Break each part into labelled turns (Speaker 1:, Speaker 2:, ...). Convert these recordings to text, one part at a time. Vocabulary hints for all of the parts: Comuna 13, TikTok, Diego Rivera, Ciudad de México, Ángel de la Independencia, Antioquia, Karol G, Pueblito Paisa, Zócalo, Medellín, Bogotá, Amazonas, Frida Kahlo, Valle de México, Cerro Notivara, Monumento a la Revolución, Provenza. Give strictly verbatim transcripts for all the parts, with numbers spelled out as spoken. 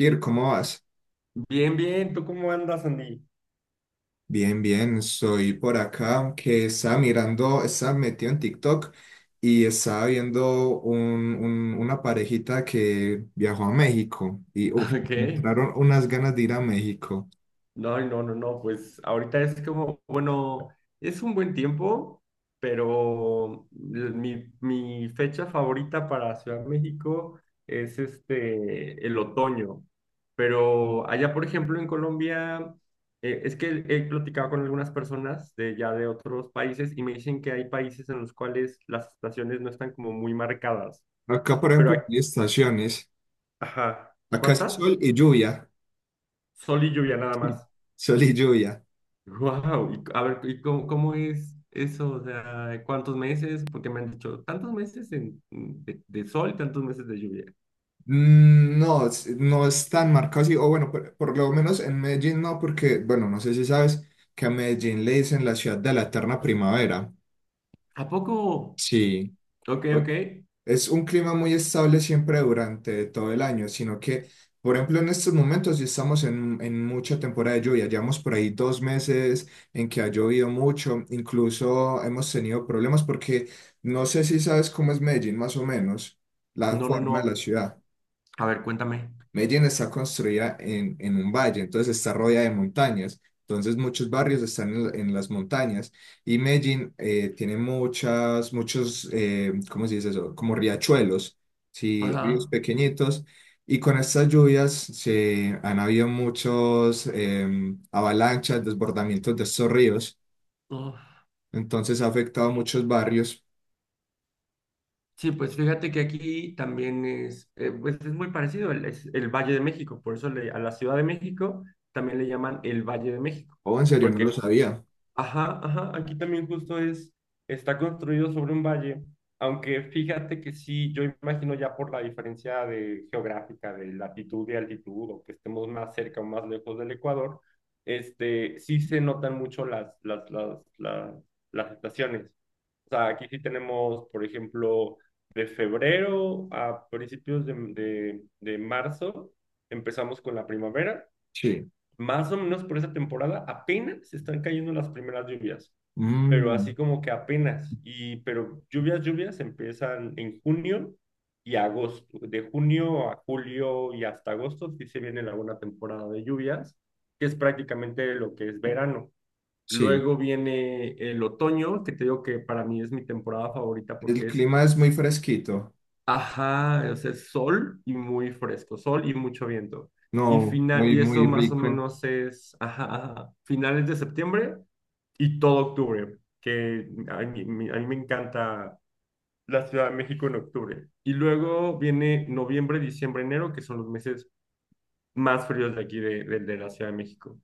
Speaker 1: Ir, ¿cómo vas?
Speaker 2: Bien, bien, ¿tú cómo andas, Andy?
Speaker 1: Bien, bien, soy por acá que estaba mirando, estaba metido en TikTok y estaba viendo un- un- una parejita que viajó a México y uf,
Speaker 2: Ok.
Speaker 1: me entraron unas ganas de ir a México.
Speaker 2: No, no, no, no, pues ahorita es como, bueno, es un buen tiempo, pero l- mi, mi fecha favorita para Ciudad de México es este, el otoño. Pero allá, por ejemplo, en Colombia, eh, es que he platicado con algunas personas de ya de otros países y me dicen que hay países en los cuales las estaciones no están como muy marcadas.
Speaker 1: Acá, por
Speaker 2: Pero,
Speaker 1: ejemplo,
Speaker 2: ac-
Speaker 1: hay estaciones.
Speaker 2: ajá,
Speaker 1: Acá es
Speaker 2: ¿cuántas?
Speaker 1: sol y lluvia.
Speaker 2: Sol y lluvia nada
Speaker 1: Sí.
Speaker 2: más.
Speaker 1: Sol y lluvia.
Speaker 2: Wow, y, a ver, ¿y cómo, cómo, es eso? O sea, ¿cuántos meses? Porque me han dicho, tantos meses en- mm, de, de sol y tantos meses de lluvia.
Speaker 1: Mm, No, es- no es tan marcado así, o bueno, por, por lo menos en Medellín no, porque, bueno, no sé si sabes que a Medellín le dicen la ciudad de la eterna primavera.
Speaker 2: ¿A poco?
Speaker 1: Sí.
Speaker 2: Ok, ok.
Speaker 1: Es un clima muy estable siempre durante todo el año, sino que, por ejemplo, en estos momentos ya estamos en, en mucha temporada de lluvia. Llevamos por ahí dos meses en que ha llovido mucho, incluso hemos tenido problemas porque no sé si sabes cómo es Medellín, más o menos, la
Speaker 2: No, no,
Speaker 1: forma de la
Speaker 2: no.
Speaker 1: ciudad.
Speaker 2: A ver, cuéntame.
Speaker 1: Medellín está construida en, en un valle, entonces está rodeada de montañas. Entonces muchos barrios están en, en las montañas y Medellín eh, tiene muchas, muchos, eh, ¿cómo se dice eso? Como riachuelos, sí, ríos
Speaker 2: Ajá.
Speaker 1: pequeñitos. Y con estas lluvias se han habido muchos eh, avalanchas, desbordamientos de estos ríos.
Speaker 2: Uf.
Speaker 1: Entonces ha afectado a muchos barrios.
Speaker 2: Sí, pues fíjate que aquí también es, eh, pues es muy parecido, el- es el Valle de México, por eso le- a la Ciudad de México también le llaman el Valle de México,
Speaker 1: Oh, en serio, no lo
Speaker 2: porque
Speaker 1: sabía.
Speaker 2: ajá, ajá, aquí también justo es, está construido sobre un valle, aunque fíjate que sí, yo imagino ya por la diferencia de geográfica, de latitud y altitud, o que estemos más cerca o más lejos del Ecuador, este, sí se notan mucho las, las, las, las, las estaciones. O sea, aquí sí tenemos, por ejemplo, de febrero a principios de, de de marzo, empezamos con la primavera.
Speaker 1: Sí.
Speaker 2: Más o menos por esa temporada apenas están cayendo las primeras lluvias, pero
Speaker 1: Mm,
Speaker 2: así como que apenas, y pero lluvias, lluvias empiezan en junio y agosto, de junio a julio y hasta agosto sí se viene la buena temporada de lluvias, que es prácticamente lo que es verano.
Speaker 1: sí.
Speaker 2: Luego viene el otoño, que te digo que para mí es mi temporada favorita
Speaker 1: El
Speaker 2: porque es...
Speaker 1: clima es muy fresquito.
Speaker 2: Ajá, o sea, es sol y muy fresco, sol y mucho viento. Y
Speaker 1: No,
Speaker 2: final,
Speaker 1: muy,
Speaker 2: y eso
Speaker 1: muy
Speaker 2: más o
Speaker 1: rico.
Speaker 2: menos es, ajá, ajá, finales de septiembre y todo octubre, que a mí, mi- a mí me encanta la Ciudad de México en octubre. Y luego viene noviembre, diciembre, enero, que son los meses más fríos de aquí de, de- de la Ciudad de México.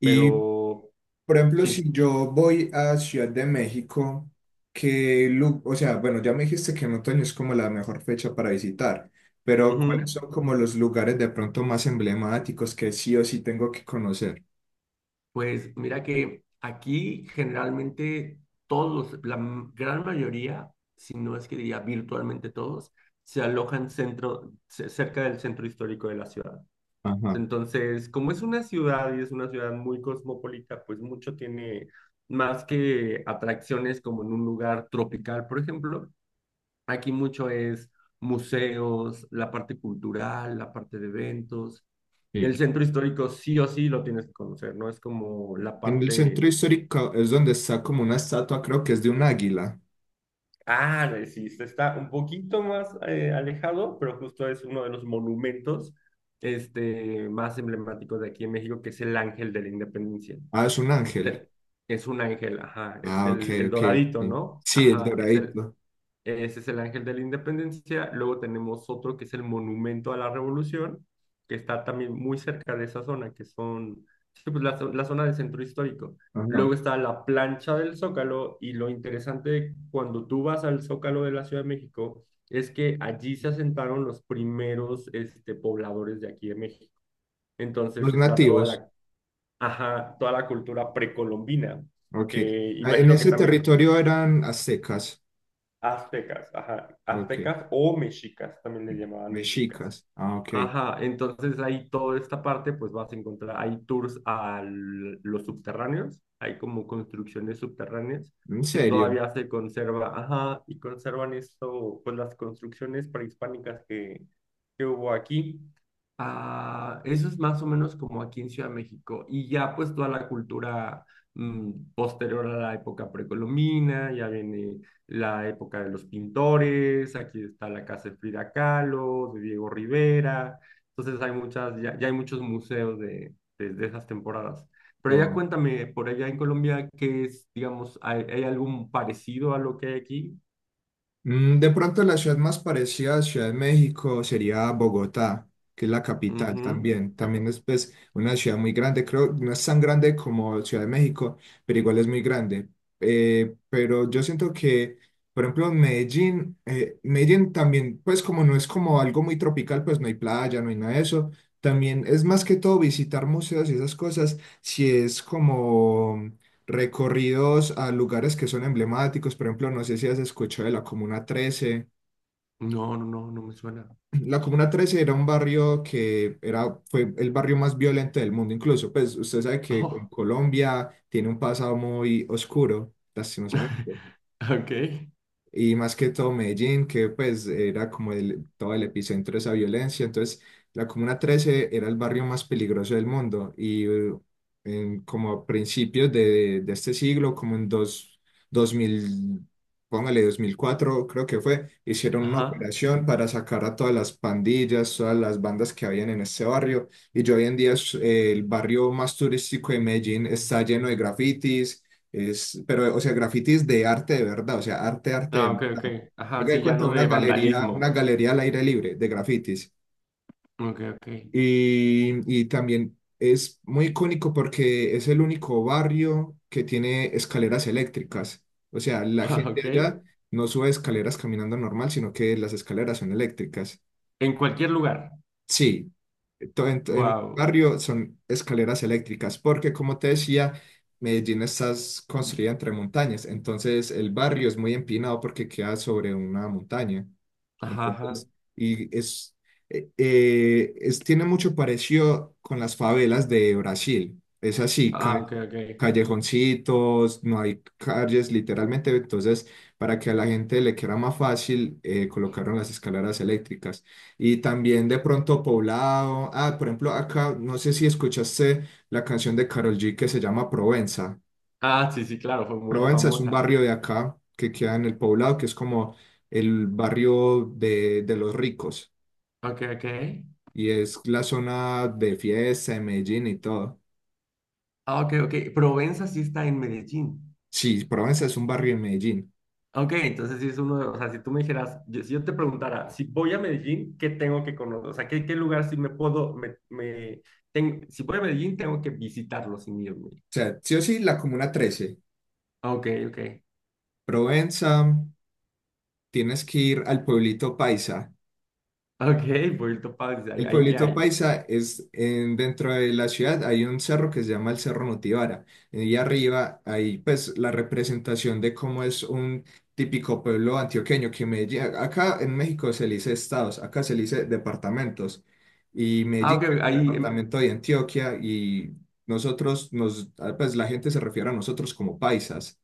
Speaker 1: Y,
Speaker 2: Pero
Speaker 1: por ejemplo, si
Speaker 2: sí.
Speaker 1: yo voy a Ciudad de México, que, o sea, bueno, ya me dijiste que en otoño es como la mejor fecha para visitar, pero ¿cuáles
Speaker 2: Ujú.
Speaker 1: son como los lugares de pronto más emblemáticos que sí o sí tengo que conocer?
Speaker 2: Pues mira que aquí generalmente todos, los- la m- gran mayoría, si no es que diría virtualmente todos, se alojan centro, ce- cerca del centro histórico de la ciudad.
Speaker 1: Ajá,
Speaker 2: Entonces, como es una ciudad y es una ciudad muy cosmopolita, pues mucho tiene más que atracciones como en un lugar tropical, por ejemplo. Aquí mucho es museos, la parte cultural, la parte de eventos. El
Speaker 1: sí.
Speaker 2: centro histórico sí o sí lo tienes que conocer, ¿no? Es como la
Speaker 1: En el centro
Speaker 2: parte...
Speaker 1: histórico es donde está como una estatua, creo que es de un águila.
Speaker 2: ah, de- Sí, se está un poquito más eh, alejado, pero justo es uno de los monumentos este, más emblemáticos de aquí en México, que es el Ángel de la Independencia.
Speaker 1: Ah, es un ángel.
Speaker 2: Eh, Es un ángel, ajá, es
Speaker 1: Ah, ok,
Speaker 2: el, el
Speaker 1: ok,
Speaker 2: doradito,
Speaker 1: sí.
Speaker 2: ¿no?
Speaker 1: Sí, el
Speaker 2: Ajá, es el
Speaker 1: doradito.
Speaker 2: Ese es el Ángel de la Independencia. Luego tenemos otro que es el Monumento a la Revolución, que está también muy cerca de esa zona, que son sí, pues, la, la zona del centro histórico.
Speaker 1: Ajá.
Speaker 2: Luego está la plancha del Zócalo y lo interesante cuando tú vas al Zócalo de la Ciudad de México es que allí se asentaron los primeros este, pobladores de aquí de México. Entonces
Speaker 1: Los
Speaker 2: está toda
Speaker 1: nativos.
Speaker 2: la, ajá, toda la cultura precolombina,
Speaker 1: Ok.
Speaker 2: que
Speaker 1: Ah, en
Speaker 2: imagino que
Speaker 1: ese
Speaker 2: también
Speaker 1: territorio eran aztecas.
Speaker 2: aztecas, ajá,
Speaker 1: Ok.
Speaker 2: aztecas o mexicas, también le llamaban mexicas.
Speaker 1: Mexicas. Ah, ok.
Speaker 2: Ajá, entonces ahí toda esta parte, pues vas a encontrar, hay tours a l- los subterráneos, hay como construcciones subterráneas
Speaker 1: ¿En
Speaker 2: que
Speaker 1: serio?
Speaker 2: todavía se conserva, ajá, y conservan esto, pues las construcciones prehispánicas que, que hubo aquí. Ah, eso es más o menos como aquí en Ciudad de México. Y ya pues toda la cultura mm, posterior a la época precolombina, ya viene la época de los pintores, aquí está la casa de Frida Kahlo, de Diego Rivera, entonces hay muchas, ya, ya hay muchos museos de, de, de esas temporadas. Pero ya
Speaker 1: Wow.
Speaker 2: cuéntame, por allá en Colombia, ¿qué es, digamos, hay, hay algo parecido a lo que hay aquí?
Speaker 1: Mm, De pronto la ciudad más parecida a Ciudad de México sería Bogotá, que es la capital
Speaker 2: Ujú.
Speaker 1: también. También es pues, una ciudad muy grande, creo, no es tan grande como Ciudad de México, pero igual es muy grande. Eh, pero yo siento que, por ejemplo, Medellín, eh, Medellín también, pues como no es como algo muy tropical, pues no hay playa, no hay nada de eso. También es más que todo visitar museos y esas cosas, si es como recorridos a lugares que son emblemáticos. Por ejemplo, no sé si has escuchado de la Comuna trece.
Speaker 2: No, no, no, no me suena.
Speaker 1: La Comuna trece era un barrio que era, fue el barrio más violento del mundo, incluso. Pues usted sabe que en
Speaker 2: Oh.
Speaker 1: Colombia tiene un pasado muy oscuro, lastimosamente.
Speaker 2: Ok,
Speaker 1: Y más que todo Medellín, que pues era como el- todo el epicentro de esa violencia. Entonces, la Comuna trece era el barrio más peligroso del mundo y eh, en, como a principios de, de este siglo, como en dos, dos mil póngale dos mil cuatro creo que fue, hicieron una
Speaker 2: ajá.
Speaker 1: operación para sacar a todas las pandillas, todas las bandas que habían en este barrio. Y yo hoy en día es, eh, el barrio más turístico de Medellín está lleno de grafitis es, pero, o sea, grafitis de arte de verdad, o sea, arte, arte de
Speaker 2: Ah, ok, ok.
Speaker 1: verdad. Me
Speaker 2: Ajá,
Speaker 1: doy
Speaker 2: sí, ya
Speaker 1: cuenta de
Speaker 2: no
Speaker 1: una
Speaker 2: de
Speaker 1: galería, una
Speaker 2: vandalismo.
Speaker 1: galería al aire libre de grafitis.
Speaker 2: Ok, ok.
Speaker 1: Y, y también es muy icónico porque es el único barrio que tiene escaleras eléctricas. O sea, la
Speaker 2: Ah,
Speaker 1: gente
Speaker 2: ok.
Speaker 1: allá no sube escaleras caminando normal, sino que las escaleras son eléctricas.
Speaker 2: En cualquier lugar.
Speaker 1: Sí, to- en, en el
Speaker 2: Wow.
Speaker 1: barrio son escaleras eléctricas, porque como te decía, Medellín está construida entre montañas, entonces el barrio es muy empinado porque queda sobre una montaña.
Speaker 2: Ajá, ajá.
Speaker 1: Entonces, y es, eh, eh, es- tiene mucho parecido con las favelas de Brasil. Es así,
Speaker 2: Ah, ok, ok.
Speaker 1: callejoncitos, no hay calles literalmente, entonces para que a la gente le quede más fácil eh, colocaron las escaleras eléctricas y también de pronto poblado, ah, por ejemplo acá, no sé si escuchaste la canción de Karol G que se llama Provenza.
Speaker 2: Ah, sí, sí, claro, fue muy
Speaker 1: Provenza es un
Speaker 2: famosa.
Speaker 1: barrio de acá que queda en el poblado, que es como el barrio de, de los ricos
Speaker 2: Ok, ok.
Speaker 1: y es la zona de fiesta de Medellín y todo.
Speaker 2: Ah, ok, ok. Provenza sí está en Medellín.
Speaker 1: Sí, Provenza es un barrio en Medellín.
Speaker 2: Ok, entonces sí es uno de, o sea, si tú me dijeras, yo- si yo te preguntara, si voy a Medellín, ¿qué tengo que conocer? O sea, ¿qué, qué, lugar sí me puedo, me, me, ten- si voy a Medellín, tengo que visitarlo sin irme?
Speaker 1: O sea, sí o sí, la Comuna trece,
Speaker 2: Ok, ok.
Speaker 1: Provenza, tienes que ir al pueblito Paisa.
Speaker 2: Ok, Puerto Paz, ahí,
Speaker 1: El
Speaker 2: ahí qué
Speaker 1: pueblito
Speaker 2: hay.
Speaker 1: Paisa es en- dentro de la ciudad, hay un cerro que se llama el Cerro Notivara. Y arriba hay pues la representación de cómo es un típico pueblo antioqueño que Medellín, acá en México se le dice estados, acá se le dice departamentos. Y
Speaker 2: Ah,
Speaker 1: Medellín
Speaker 2: ok,
Speaker 1: que es el
Speaker 2: ahí, em,
Speaker 1: departamento de Antioquia y nosotros, nos, ah, pues la gente se refiere a nosotros como paisas.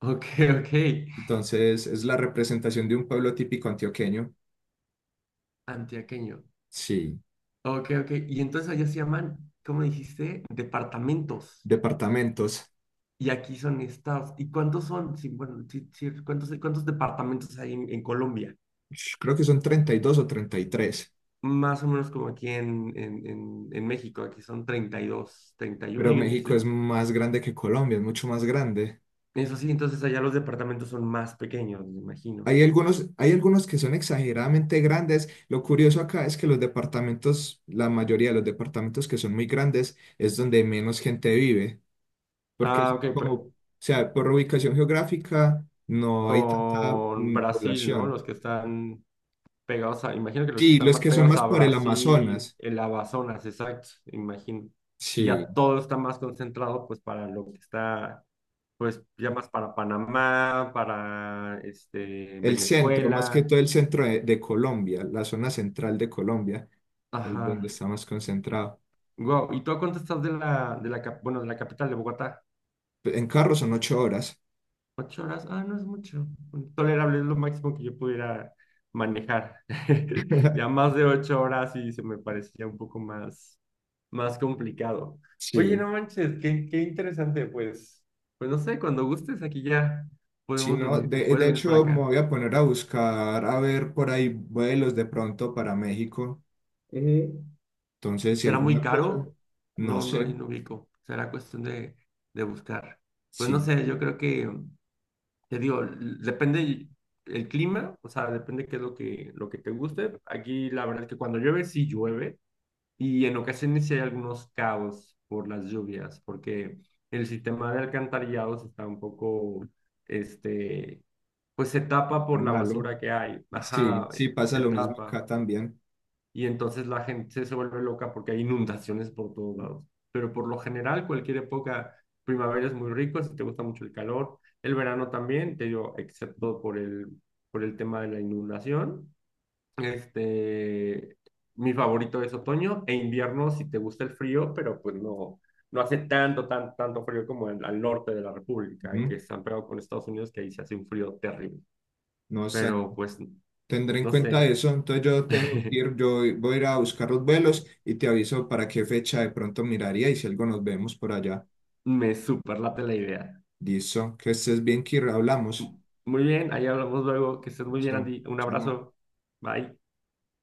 Speaker 2: ok, ok.
Speaker 1: Entonces es la representación de un pueblo típico antioqueño.
Speaker 2: Antioqueño.
Speaker 1: Sí,
Speaker 2: Ok, ok. Y entonces allá se llaman, ¿cómo dijiste? Departamentos.
Speaker 1: departamentos.
Speaker 2: Y aquí son estados. ¿Y cuántos son? Sí, bueno, sí, sí, ¿cuántos, cuántos departamentos hay en, en Colombia?
Speaker 1: Sh, Creo que son treinta y dos o treinta y tres,
Speaker 2: Más o menos como aquí en, en, en, en México. Aquí son treinta y dos, treinta y uno
Speaker 1: pero
Speaker 2: y uno y un
Speaker 1: México es
Speaker 2: distrito.
Speaker 1: más grande que Colombia, es mucho más grande.
Speaker 2: Eso sí, entonces allá los departamentos son más pequeños, me imagino.
Speaker 1: Hay algunos, hay algunos que son exageradamente grandes. Lo curioso acá es que los departamentos, la mayoría de los departamentos que son muy grandes, es donde menos gente vive, porque
Speaker 2: Ah,
Speaker 1: son
Speaker 2: ok,
Speaker 1: como,
Speaker 2: pero
Speaker 1: o sea, por ubicación geográfica no hay tanta
Speaker 2: con
Speaker 1: mm,
Speaker 2: Brasil, ¿no? Los
Speaker 1: población.
Speaker 2: que están pegados a, imagino que los que
Speaker 1: Sí,
Speaker 2: están
Speaker 1: los
Speaker 2: más
Speaker 1: que son
Speaker 2: pegados
Speaker 1: más
Speaker 2: a
Speaker 1: por el
Speaker 2: Brasil,
Speaker 1: Amazonas.
Speaker 2: el Amazonas, exacto, imagino. Y
Speaker 1: Sí,
Speaker 2: ya todo está más concentrado, pues, para lo que está, pues, ya más para Panamá, para, este,
Speaker 1: el centro, más que
Speaker 2: Venezuela,
Speaker 1: todo el centro de, de Colombia, la zona central de Colombia, es donde
Speaker 2: ajá.
Speaker 1: está más concentrado.
Speaker 2: Wow, ¿y tú a cuánto estás de la, de la, cap- bueno, de la capital de Bogotá?
Speaker 1: En carro son ocho horas.
Speaker 2: Ocho horas, ah, no es mucho. Tolerable es lo máximo que yo pudiera manejar. Ya más de ocho horas y se me parecía un poco más, más complicado. Oye,
Speaker 1: Sí,
Speaker 2: no manches, qué, qué, interesante, pues. Pues no sé, cuando gustes aquí ya
Speaker 1: si
Speaker 2: podemos
Speaker 1: no,
Speaker 2: venir, te
Speaker 1: de,
Speaker 2: puedes
Speaker 1: de
Speaker 2: venir para
Speaker 1: hecho me
Speaker 2: acá.
Speaker 1: voy a poner a buscar, a ver por ahí vuelos de pronto para México.
Speaker 2: Eh,
Speaker 1: Entonces, si
Speaker 2: ¿Será muy
Speaker 1: alguna cosa,
Speaker 2: caro?
Speaker 1: no
Speaker 2: No, no
Speaker 1: sé,
Speaker 2: hay no ubico. Será cuestión de, de buscar. Pues no
Speaker 1: sí,
Speaker 2: sé, yo creo que te digo, l- depende el clima, o sea, depende qué es lo que, lo que te guste. Aquí la verdad es que cuando llueve, sí llueve, y en ocasiones sí hay algunos caos por las lluvias, porque el sistema de alcantarillados está un poco, este, pues se tapa
Speaker 1: está
Speaker 2: por la
Speaker 1: malo.
Speaker 2: basura que hay,
Speaker 1: Sí,
Speaker 2: ajá,
Speaker 1: sí, pasa
Speaker 2: se
Speaker 1: lo mismo
Speaker 2: tapa
Speaker 1: acá también.
Speaker 2: y entonces la gente se vuelve loca porque hay inundaciones por todos lados. Pero por lo general, cualquier época, primavera es muy rico, si te gusta mucho el calor, el verano también, te digo, excepto por el, por el, tema de la inundación. Este, Mi favorito es otoño e invierno si te gusta el frío, pero pues no, no hace tanto, tan, tanto frío como en, al norte de la República, que
Speaker 1: Ujú,
Speaker 2: están pegados con Estados Unidos, que ahí se hace un frío terrible.
Speaker 1: no sé.
Speaker 2: Pero pues,
Speaker 1: Tendré en
Speaker 2: no
Speaker 1: cuenta
Speaker 2: sé,
Speaker 1: eso, entonces yo te dejo ir, yo voy a ir a buscar los vuelos y te aviso para qué fecha de pronto miraría y si algo nos vemos por allá.
Speaker 2: me superlate la idea.
Speaker 1: Listo, que estés bien, Kir, hablamos.
Speaker 2: Muy bien, ahí hablamos luego. Que estés muy bien,
Speaker 1: Listo,
Speaker 2: Andy. Un
Speaker 1: chao.
Speaker 2: abrazo. Bye.